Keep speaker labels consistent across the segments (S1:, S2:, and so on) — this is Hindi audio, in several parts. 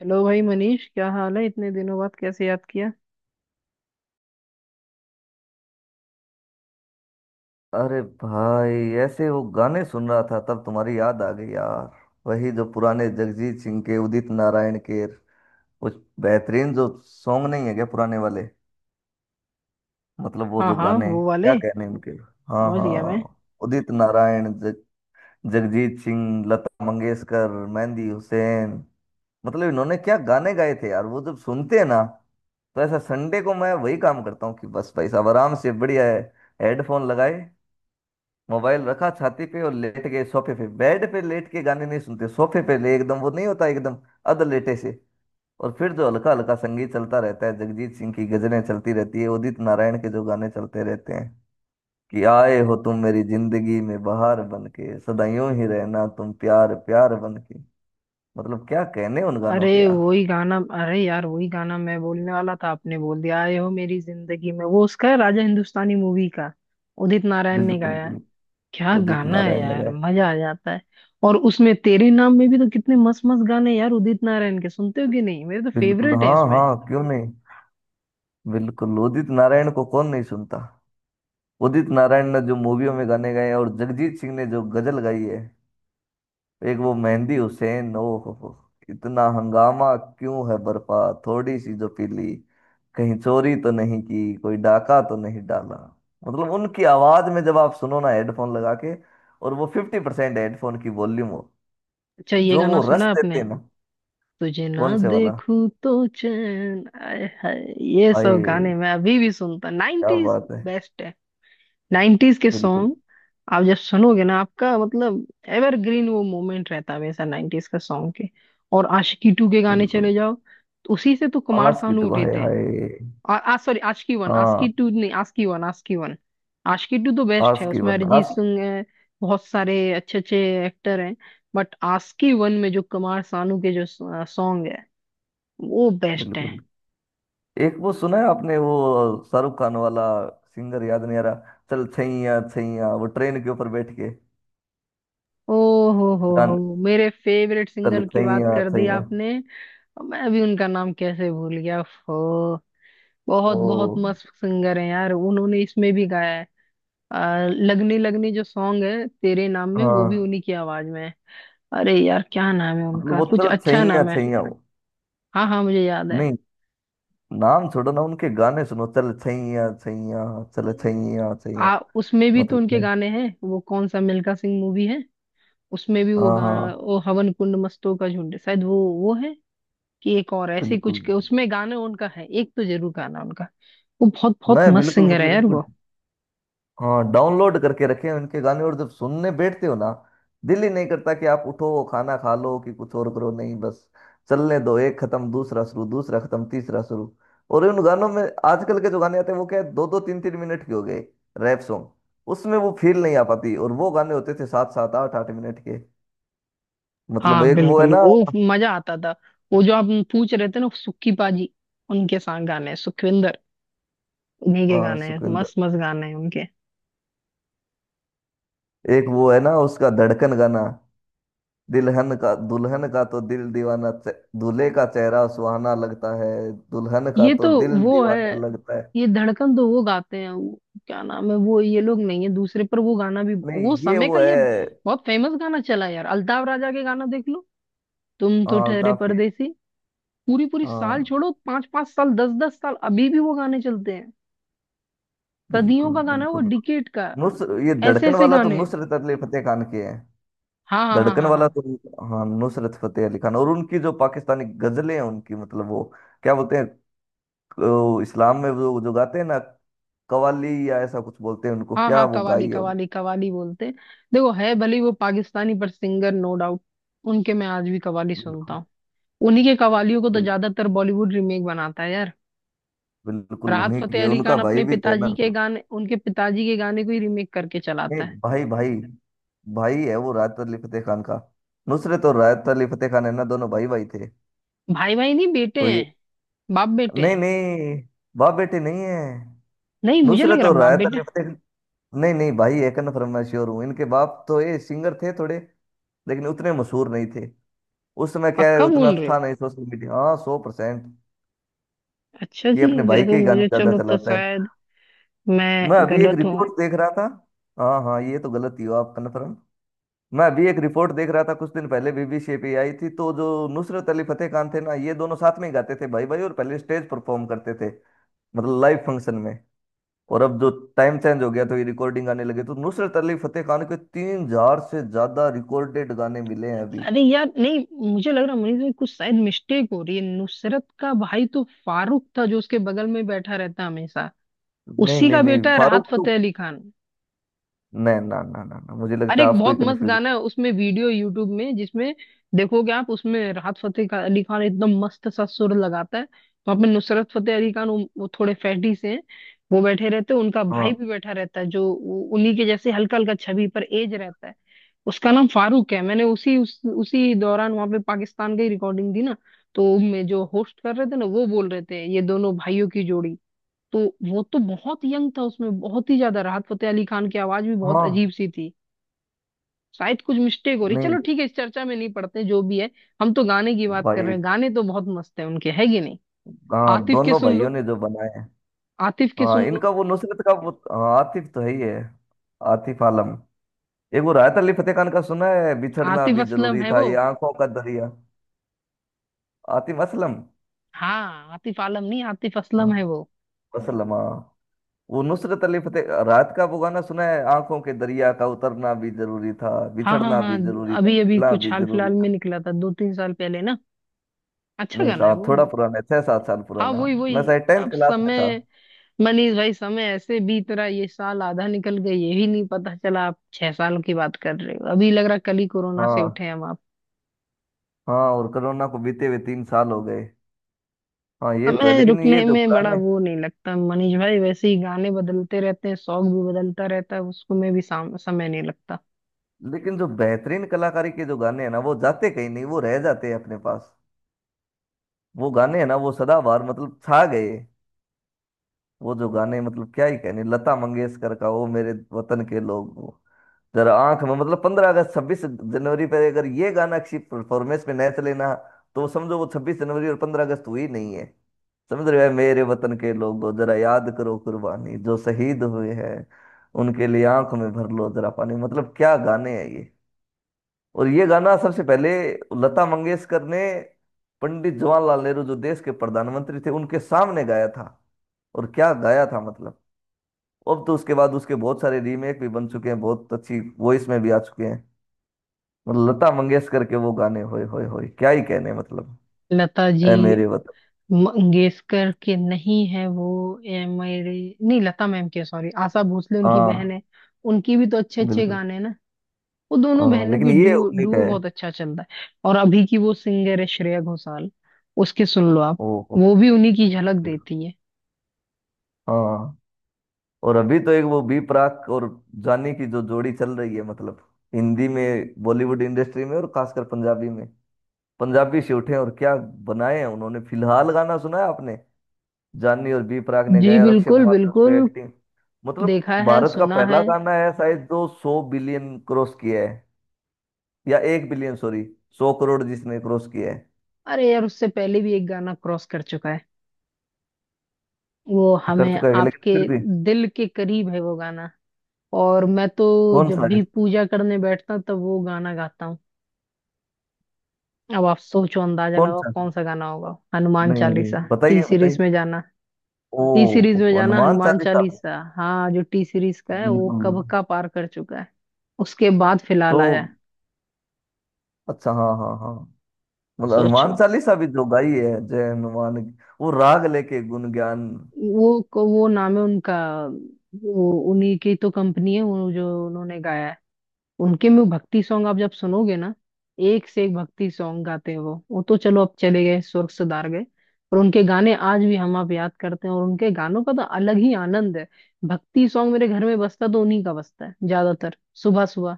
S1: हेलो भाई मनीष, क्या हाल है? इतने दिनों बाद कैसे याद किया।
S2: अरे भाई, ऐसे वो गाने सुन रहा था तब तुम्हारी याद आ गई यार। वही जो पुराने जगजीत सिंह के, उदित नारायण के कुछ बेहतरीन जो सॉन्ग नहीं है क्या, पुराने वाले। मतलब वो
S1: हाँ
S2: जो
S1: हाँ,
S2: गाने,
S1: वो वाले।
S2: क्या कहने हैं उनके। हाँ
S1: समझ
S2: हाँ।
S1: गया मैं।
S2: उदित नारायण, जगजीत सिंह, लता मंगेशकर, मेहंदी हुसैन, मतलब इन्होंने क्या गाने गाए थे यार। वो जब सुनते हैं ना तो ऐसा संडे को मैं वही काम करता हूँ कि बस भाई साहब आराम से बढ़िया है। हेडफोन लगाए, मोबाइल रखा छाती पे और लेट गए सोफे पे। बेड पे लेट के गाने नहीं सुनते, सोफे पे ले, एकदम वो नहीं होता, एकदम अध लेटे से। और फिर जो हल्का हल्का संगीत चलता रहता है, जगजीत सिंह की गजलें चलती रहती है, उदित नारायण के जो गाने चलते रहते हैं कि आए हो तुम मेरी जिंदगी में बहार बन के, सदा यूं ही रहना तुम प्यार प्यार बन के। मतलब क्या कहने उन गानों
S1: अरे
S2: के यार।
S1: वही गाना, अरे यार वही गाना मैं बोलने वाला था, आपने बोल दिया। आए हो मेरी जिंदगी में, वो उसका है, राजा हिंदुस्तानी मूवी का। उदित नारायण ने
S2: बिल्कुल
S1: गाया है।
S2: बिल्कुल।
S1: क्या
S2: उदित
S1: गाना है
S2: नारायण ने
S1: यार,
S2: गाए।
S1: मजा आ जाता है। और उसमें तेरे नाम में भी तो कितने मस्त मस्त गाने हैं यार, उदित नारायण के। सुनते हो कि नहीं? मेरे तो
S2: बिल्कुल,
S1: फेवरेट है
S2: हाँ
S1: इसमें।
S2: हाँ, क्यों नहीं। बिल्कुल, उदित नारायण को कौन नहीं सुनता। उदित नारायण ने जो मूवियों में गाने गाए हैं और जगजीत सिंह ने जो गजल गाई है। एक वो मेहंदी हुसैन, ओ हो, इतना हंगामा क्यों है बरपा, थोड़ी सी जो पीली, कहीं चोरी तो नहीं की, कोई डाका तो नहीं डाला। मतलब उनकी आवाज में जब आप सुनो ना हेडफोन लगा के, और वो 50% हेडफोन की वॉल्यूम हो,
S1: अच्छा, ये
S2: जो
S1: गाना
S2: वो रस
S1: सुना
S2: देते
S1: आपने?
S2: हैं ना।
S1: तुझे ना
S2: कौन से वाला।
S1: देखूं तो चैन आए हाय। ये सब गाने
S2: हाय,
S1: मैं अभी भी सुनता,
S2: क्या
S1: 90s
S2: बात है।
S1: बेस्ट है। 90s के
S2: बिल्कुल
S1: सॉन्ग आप जब सुनोगे ना, आपका मतलब एवरग्रीन वो मोमेंट रहता है हमेशा 90s का सॉन्ग के। और आशिकी टू के गाने
S2: बिल्कुल।
S1: चले जाओ तो उसी से तो कुमार
S2: आस की
S1: सानू
S2: तो
S1: उठे
S2: हाय
S1: थे।
S2: हाय।
S1: और आ सॉरी, आशिकी वन, आशिकी
S2: हाँ।
S1: टू नहीं, Aashiqui one Aashiqui one. Aashiqui two तो बेस्ट
S2: आस
S1: है,
S2: की
S1: उसमें
S2: वन,
S1: अरिजीत
S2: आस।
S1: सिंह है, बहुत सारे अच्छे अच्छे एक्टर हैं। बट आशिकी वन में जो कुमार सानू के जो सॉन्ग, वो बेस्ट है।
S2: बिल्कुल। एक वो सुना है आपने वो शाहरुख खान वाला, सिंगर याद नहीं आ रहा, चल छैया छैया, वो ट्रेन के ऊपर बैठ के।
S1: ओ हो
S2: जान,
S1: हो मेरे फेवरेट
S2: चल
S1: सिंगर की बात
S2: छैया
S1: कर दी
S2: छैया,
S1: आपने। मैं भी उनका नाम कैसे भूल गया। हो, बहुत
S2: वो।
S1: बहुत मस्त सिंगर है यार, उन्होंने इसमें भी गाया है। लगनी लगनी जो सॉन्ग है तेरे नाम में वो भी
S2: हाँ।
S1: उन्हीं की आवाज में है। अरे यार क्या नाम है
S2: मतलब
S1: उनका,
S2: वो
S1: कुछ
S2: चल
S1: अच्छा
S2: छैया
S1: नाम है।
S2: छैया, वो।
S1: हाँ हाँ, मुझे याद है।
S2: नहीं, नाम छोड़ो ना, उनके गाने सुनो, चल छैया छैया, चल छैया छैया।
S1: आ उसमें भी तो
S2: मतलब
S1: उनके
S2: है।
S1: गाने हैं, वो कौन सा मिल्खा सिंह मूवी है, उसमें भी वो
S2: हाँ
S1: गाना,
S2: हाँ,
S1: वो हवन कुंड मस्तों का झुंड, शायद वो है। कि एक और ऐसे ही कुछ
S2: बिल्कुल।
S1: के उसमें गाने, उनका है, एक तो जरूर गाना उनका। वो बहुत बहुत
S2: मैं
S1: मस्त
S2: बिल्कुल,
S1: सिंगर है
S2: मतलब
S1: यार,
S2: इनको,
S1: वो।
S2: हाँ, डाउनलोड करके रखे हैं उनके गाने। और जब सुनने बैठते हो ना, दिल ही नहीं करता कि आप उठो, खाना खा लो कि कुछ और करो, नहीं बस चलने दो, एक खत्म दूसरा शुरू, दूसरा खत्म तीसरा शुरू। और उन गानों में, आजकल के जो गाने आते हैं वो क्या है, दो दो तीन तीन मिनट के हो गए, रैप सॉन्ग। उसमें वो फील नहीं आ पाती। और वो गाने होते थे सात सात आठ आठ मिनट के। मतलब
S1: हाँ
S2: एक वो है
S1: बिल्कुल,
S2: ना।
S1: वो मजा आता था। वो जो आप पूछ रहे थे ना, सुक्की पाजी, उनके साथ गाने हैं, सुखविंदर, उन्हीं के
S2: हाँ,
S1: गाने हैं,
S2: सुखविंदर।
S1: मस्त मस्त गाने हैं उनके।
S2: एक वो है ना उसका धड़कन गाना, दुल्हन का, दुल्हन का तो दिल दीवाना, दूल्हे का चेहरा सुहाना लगता है, दुल्हन का
S1: ये तो
S2: तो दिल
S1: वो है।
S2: दीवाना लगता है।
S1: ये धड़कन तो वो गाते हैं, वो क्या नाम है, वो ये लोग नहीं है, दूसरे पर। वो गाना भी
S2: नहीं,
S1: वो
S2: ये
S1: समय का
S2: वो
S1: ये
S2: है।
S1: बहुत फेमस गाना चला है यार। अल्ताव राजा के गाना देख लो, तुम तो
S2: हाँ,
S1: ठहरे
S2: अल्ताफ के।
S1: परदेसी। पूरी पूरी साल
S2: हाँ,
S1: छोड़ो, पांच पांच साल, दस दस साल, अभी भी वो गाने चलते हैं। सदियों
S2: बिल्कुल
S1: का गाना है वो,
S2: बिल्कुल बिल्कुल।
S1: डिकेट का है।
S2: नुस ये
S1: ऐसे
S2: धड़कन
S1: ऐसे
S2: वाला तो
S1: गाने।
S2: नुसरत अली फतेह खान के हैं।
S1: हाँ हाँ हाँ
S2: धड़कन
S1: हाँ
S2: वाला
S1: हाँ
S2: तो, हाँ, नुसरत फतेह अली खान। और उनकी जो पाकिस्तानी गजलें हैं उनकी, मतलब वो क्या बोलते हैं, इस्लाम में वो जो गाते हैं ना, कवाली या ऐसा कुछ बोलते हैं उनको,
S1: हाँ
S2: क्या
S1: हाँ,
S2: वो
S1: कवाली
S2: गाई है उनको।
S1: कवाली कवाली बोलते हैं। देखो, है भले ही वो पाकिस्तानी, पर सिंगर नो डाउट। उनके मैं आज भी कवाली सुनता
S2: बिल्कुल
S1: हूँ। उन्हीं के कवालियों को तो
S2: बिल्कुल।
S1: ज्यादातर बॉलीवुड रीमेक बनाता है यार।
S2: बिल्कुल
S1: राहत
S2: उन्हीं
S1: फतेह
S2: के,
S1: अली
S2: उनका
S1: खान
S2: भाई
S1: अपने
S2: भी तो है
S1: पिताजी
S2: ना।
S1: के गाने, उनके पिताजी के गाने को ही रीमेक करके
S2: नहीं,
S1: चलाता है।
S2: भाई भाई। भाई है वो राहत अली फतेह खान का। नुसरत और राहत अली फतेह खान है ना, दोनों भाई भाई थे।
S1: भाई भाई नहीं, बेटे
S2: तो ये,
S1: हैं, बाप बेटे
S2: नहीं
S1: हैं।
S2: नहीं, बाप बेटे नहीं है।
S1: नहीं, मुझे लग
S2: नुसरत
S1: रहा
S2: और
S1: बाप
S2: राहत
S1: बेटे।
S2: अली फतेह, नहीं नहीं, भाई है, कन्फर्म, मैं श्योर हूँ। इनके बाप तो ये सिंगर थे थोड़े, लेकिन उतने मशहूर नहीं थे। उस समय क्या है,
S1: पक्का
S2: उतना
S1: बोल रहे
S2: था
S1: हो?
S2: नहीं सोशल मीडिया। हाँ, 100%।
S1: अच्छा
S2: ये
S1: जी,
S2: अपने भाई
S1: देखो
S2: के ही गाने
S1: मुझे,
S2: ज्यादा
S1: चलो तो
S2: चलाता है।
S1: शायद मैं
S2: मैं अभी एक
S1: गलत हूँ।
S2: रिपोर्ट देख रहा था। हाँ हाँ, ये तो गलत ही हो, आप कन्फर्म। मैं अभी एक रिपोर्ट देख रहा था कुछ दिन पहले, बीबी शेपी आई थी, तो जो नुसरत अली फतेह खान थे ना, ये दोनों साथ में ही गाते थे, भाई भाई, और पहले स्टेज परफॉर्म करते थे, मतलब लाइव फंक्शन में। और अब जो टाइम चेंज हो गया तो ये रिकॉर्डिंग आने लगे, तो नुसरत अली फतेह खान के 3,000 से ज्यादा रिकॉर्डेड गाने मिले हैं अभी।
S1: अरे यार नहीं, मुझे लग रहा मुनीष भाई कुछ शायद मिस्टेक हो रही है। नुसरत का भाई तो फारूक था, जो उसके बगल में बैठा रहता हमेशा।
S2: नहीं
S1: उसी
S2: नहीं
S1: का
S2: नहीं,
S1: बेटा है राहत
S2: फारूक तो,
S1: फतेह अली खान।
S2: नहीं, ना ना ना ना, मुझे लगता
S1: अरे
S2: है
S1: एक
S2: आपको ही
S1: बहुत मस्त
S2: कंफ्यूज
S1: गाना
S2: है।
S1: है उसमें, वीडियो यूट्यूब में, जिसमें देखोगे आप, उसमें राहत अली खान एकदम मस्त सा सुर लगाता है। वहां पे नुसरत फतेह अली खान वो थोड़े फैटी से हैं। वो बैठे रहते हैं, उनका भाई
S2: हाँ
S1: भी बैठा रहता है, जो वो उन्हीं के जैसे हल्का हल्का छवि पर एज रहता है। उसका नाम फारूक है। मैंने उसी दौरान वहां पे पाकिस्तान की रिकॉर्डिंग दी ना, तो मैं जो होस्ट कर रहे थे ना, वो बोल रहे थे ये दोनों भाइयों की जोड़ी। तो वो तो बहुत यंग था उसमें, बहुत ही ज्यादा। राहत फतेह अली खान की आवाज भी बहुत
S2: हाँ,
S1: अजीब सी थी। शायद कुछ मिस्टेक हो रही,
S2: नहीं
S1: चलो ठीक है, इस चर्चा में नहीं पड़ते, जो भी है। हम तो गाने की बात कर
S2: भाई।
S1: रहे हैं। गाने तो बहुत मस्त है उनके, है कि नहीं?
S2: हाँ,
S1: आतिफ के
S2: दोनों
S1: सुन
S2: भाइयों
S1: लो,
S2: ने जो बनाए हैं।
S1: आतिफ के
S2: हाँ,
S1: सुन लो।
S2: इनका वो नुसरत का वो, हाँ, आतिफ तो है ही है, आतिफ आलम। एक वो राहत अली फतेह खान का सुना है, बिछड़ना
S1: आतिफ
S2: भी
S1: असलम
S2: जरूरी
S1: है
S2: था,
S1: वो।
S2: ये आंखों का दरिया। आतिम असलम।
S1: हाँ, आतिफ आलम नहीं, आतिफ असलम
S2: हाँ,
S1: है वो।
S2: असलम, हाँ। वो नुसरत अली फतेह राहत का वो गाना सुना है, आंखों के दरिया का उतरना भी जरूरी था,
S1: हाँ हाँ
S2: बिछड़ना भी
S1: हाँ।
S2: जरूरी था,
S1: अभी अभी
S2: मिलना
S1: कुछ
S2: भी
S1: हाल
S2: जरूरी
S1: फिलहाल में
S2: था।
S1: निकला था, दो तीन साल पहले ना। अच्छा
S2: नहीं
S1: गाना है
S2: साहब,
S1: वो।
S2: थोड़ा पुराना है, 6-7 साल
S1: हाँ
S2: पुराना।
S1: वही वही।
S2: मैं शायद टेंथ
S1: अब
S2: क्लास में था।
S1: समय, मनीष भाई, समय ऐसे बीत रहा है, ये साल आधा निकल गया ये भी नहीं पता चला। आप छह साल की बात कर रहे हो, अभी लग रहा कल ही कोरोना से
S2: हाँ
S1: उठे हम।
S2: हाँ, और कोरोना को बीते हुए 3 साल हो गए। हाँ, ये तो है,
S1: हमें
S2: लेकिन ये
S1: रुकने
S2: जो
S1: में बड़ा
S2: गाने,
S1: वो नहीं लगता मनीष भाई, वैसे ही गाने बदलते रहते हैं, शौक भी बदलता रहता है, उसको में भी समय नहीं लगता।
S2: लेकिन जो बेहतरीन कलाकारी के जो गाने हैं ना वो जाते कहीं नहीं, वो रह जाते हैं अपने पास। वो गाने हैं ना वो सदाबहार, मतलब छा गए। वो जो गाने, मतलब क्या ही कहने, लता मंगेशकर का वो, मेरे वतन के लोग, वो जरा आंख में, मतलब 15 अगस्त, 26 जनवरी पे अगर ये गाना अच्छी परफॉर्मेंस में नहीं चले ना, तो समझो वो 26 जनवरी और 15 अगस्त हुई नहीं है। समझ रहे हो, मेरे वतन के लोगों जरा याद करो कुर्बानी, जो शहीद हुए हैं उनके लिए आंख में भर लो जरा पानी, मतलब क्या गाने हैं ये। और ये गाना सबसे पहले लता मंगेशकर ने पंडित जवाहरलाल नेहरू, जो देश के प्रधानमंत्री थे, उनके सामने गाया था। और क्या गाया था मतलब, अब तो उसके बाद उसके बहुत सारे रीमेक भी बन चुके हैं, बहुत अच्छी वॉइस में भी आ चुके हैं। मतलब लता मंगेशकर के वो गाने, होए होए होए, क्या ही कहने मतलब।
S1: लता जी
S2: ए मेरे वतन।
S1: मंगेशकर के नहीं है वो। ये मेरे, नहीं, लता मैम के। सॉरी, आशा भोसले उनकी बहन
S2: हाँ।
S1: है। उनकी भी तो अच्छे अच्छे
S2: बिल्कुल।
S1: गाने हैं ना। वो दोनों
S2: हाँ,
S1: बहनों
S2: लेकिन
S1: की
S2: ये
S1: ड्यू
S2: उन्हीं का
S1: डुओ
S2: है।
S1: बहुत अच्छा चलता है। और अभी की वो सिंगर है श्रेया घोषाल, उसके सुन लो आप।
S2: ओ हो,
S1: वो भी उन्हीं की झलक
S2: बिल्कुल।
S1: देती है।
S2: हाँ। और अभी तो एक वो बी प्राक और जानी की जो जोड़ी चल रही है, मतलब हिंदी में, बॉलीवुड इंडस्ट्री में और खासकर पंजाबी में। पंजाबी से उठे और क्या बनाए हैं उन्होंने। फिलहाल गाना सुना है आपने, जानी और बी प्राक ने
S1: जी
S2: गाया और अक्षय
S1: बिल्कुल
S2: कुमार ने उस पे
S1: बिल्कुल,
S2: एक्टिंग, मतलब
S1: देखा है
S2: भारत का
S1: सुना है।
S2: पहला गाना है शायद जो 100 बिलियन क्रॉस किया है, या 1 बिलियन सॉरी, 100 करोड़ जिसने क्रॉस किया है।
S1: अरे यार उससे पहले भी एक गाना क्रॉस कर चुका है, वो
S2: तो कर
S1: हमें
S2: चुका है लेकिन
S1: आपके
S2: फिर भी।
S1: दिल के करीब है वो गाना। और मैं तो
S2: कौन सा
S1: जब
S2: है।
S1: भी पूजा करने बैठता हूँ तब वो गाना गाता हूँ। अब आप सोचो, अंदाजा
S2: कौन
S1: लगाओ
S2: सा,
S1: कौन सा गाना होगा, हनुमान
S2: नहीं
S1: चालीसा। टी
S2: बताइए
S1: सीरीज
S2: बताइए।
S1: में जाना, टी सीरीज
S2: ओ,
S1: में जाना,
S2: हनुमान
S1: हनुमान
S2: चालीसा।
S1: चालीसा। हाँ, जो टी सीरीज का है वो
S2: बिल्कुल।
S1: कब का पार कर चुका है। उसके बाद फिलहाल
S2: तो,
S1: आया है।
S2: अच्छा, हाँ हाँ हाँ, मतलब हनुमान
S1: सोचो,
S2: चालीसा भी जो गाई है, जय हनुमान, वो राग लेके, गुण ज्ञान।
S1: वो वो नाम है उनका, वो उन्हीं की तो कंपनी है, वो जो उन्होंने गाया है। उनके में वो भक्ति सॉन्ग आप जब सुनोगे ना, एक से एक भक्ति सॉन्ग गाते हैं वो। वो तो चलो अब चले गए, स्वर्ग सुधार गए। पर उनके गाने आज भी हम आप याद करते हैं, और उनके गानों का तो अलग ही आनंद है। भक्ति सॉन्ग मेरे घर में बजता तो उन्हीं का बजता है ज्यादातर, सुबह सुबह।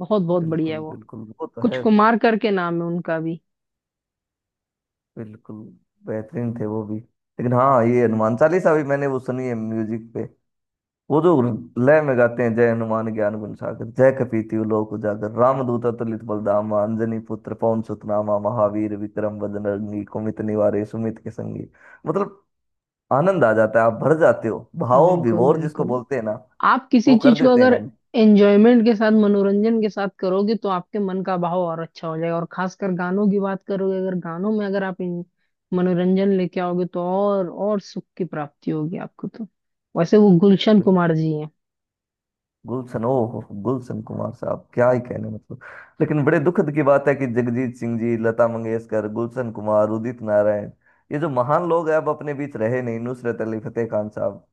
S1: बहुत बहुत बढ़िया है
S2: बिल्कुल
S1: वो।
S2: बिल्कुल, वो तो
S1: कुछ
S2: है।
S1: कुमार करके नाम है उनका भी।
S2: बिल्कुल, बेहतरीन थे वो भी, लेकिन हाँ ये हनुमान चालीसा भी मैंने वो सुनी है म्यूजिक पे, वो जो लय में गाते हैं, जय हनुमान ज्ञान गुण सागर, जय कपीति लोक उजागर, रामदूत अतुलित बलधामा, अंजनी पुत्र पवन सुत नामा, महावीर विक्रम बजरंगी, कुमित निवारे सुमित के संगी, मतलब आनंद आ जाता है, आप भर जाते हो भाव
S1: बिल्कुल
S2: विभोर, जिसको
S1: बिल्कुल।
S2: बोलते हैं ना,
S1: आप
S2: वो
S1: किसी
S2: कर
S1: चीज को
S2: देते हैं
S1: अगर
S2: गाने।
S1: एंजॉयमेंट के साथ, मनोरंजन के साथ करोगे तो आपके मन का बहाव और अच्छा हो जाएगा। और खासकर गानों की बात करोगे, अगर गानों में अगर आप मनोरंजन लेके आओगे तो और सुख की प्राप्ति होगी आपको तो। वैसे वो गुलशन कुमार जी हैं।
S2: गुलशन, ओ हो, गुलशन कुमार साहब, क्या ही कहने मतलब। लेकिन बड़े दुखद की बात है कि जगजीत सिंह जी, लता मंगेशकर, गुलशन कुमार, उदित नारायण, ये जो महान लोग हैं अब अपने बीच रहे नहीं, नुसरत अली फतेह खान साहब,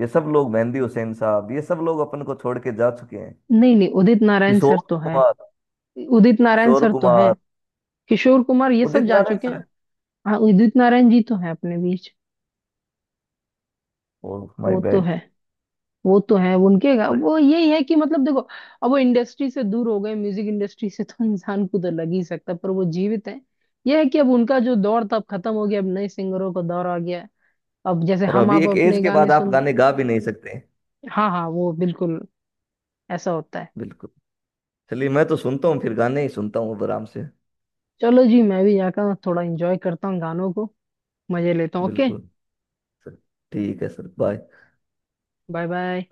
S2: ये सब लोग, मेहंदी हुसैन साहब, ये सब लोग अपन को छोड़ के जा चुके हैं।
S1: नहीं नहीं, उदित नारायण
S2: किशोर
S1: सर तो
S2: कुमार।
S1: हैं। उदित नारायण
S2: किशोर
S1: सर तो
S2: कुमार,
S1: हैं। किशोर कुमार ये सब
S2: उदित
S1: जा
S2: नारायण
S1: चुके हैं।
S2: सर,
S1: हाँ, उदित नारायण जी तो हैं अपने बीच।
S2: ओह माय
S1: वो तो
S2: बैड।
S1: है, वो तो है। उनके वो यही है कि मतलब देखो, अब वो इंडस्ट्री से दूर हो गए, म्यूजिक इंडस्ट्री से तो इंसान खुद लग ही सकता है, पर वो जीवित है। यह है कि अब उनका जो दौर था अब खत्म हो गया, अब नए सिंगरों का दौर आ गया है। अब जैसे
S2: और
S1: हम
S2: अभी
S1: आप
S2: एक एज
S1: अपने
S2: के
S1: गाने
S2: बाद आप
S1: सुन।
S2: गाने गा भी नहीं सकते हैं।
S1: हाँ हाँ, वो बिल्कुल, ऐसा होता है।
S2: बिल्कुल। चलिए, मैं तो सुनता हूँ, फिर गाने ही सुनता हूँ अब आराम से।
S1: चलो जी, मैं भी जाकर थोड़ा एंजॉय करता हूँ गानों को, मजे लेता हूँ। ओके।
S2: बिल्कुल, सर। ठीक है सर, बाय।
S1: Bye bye.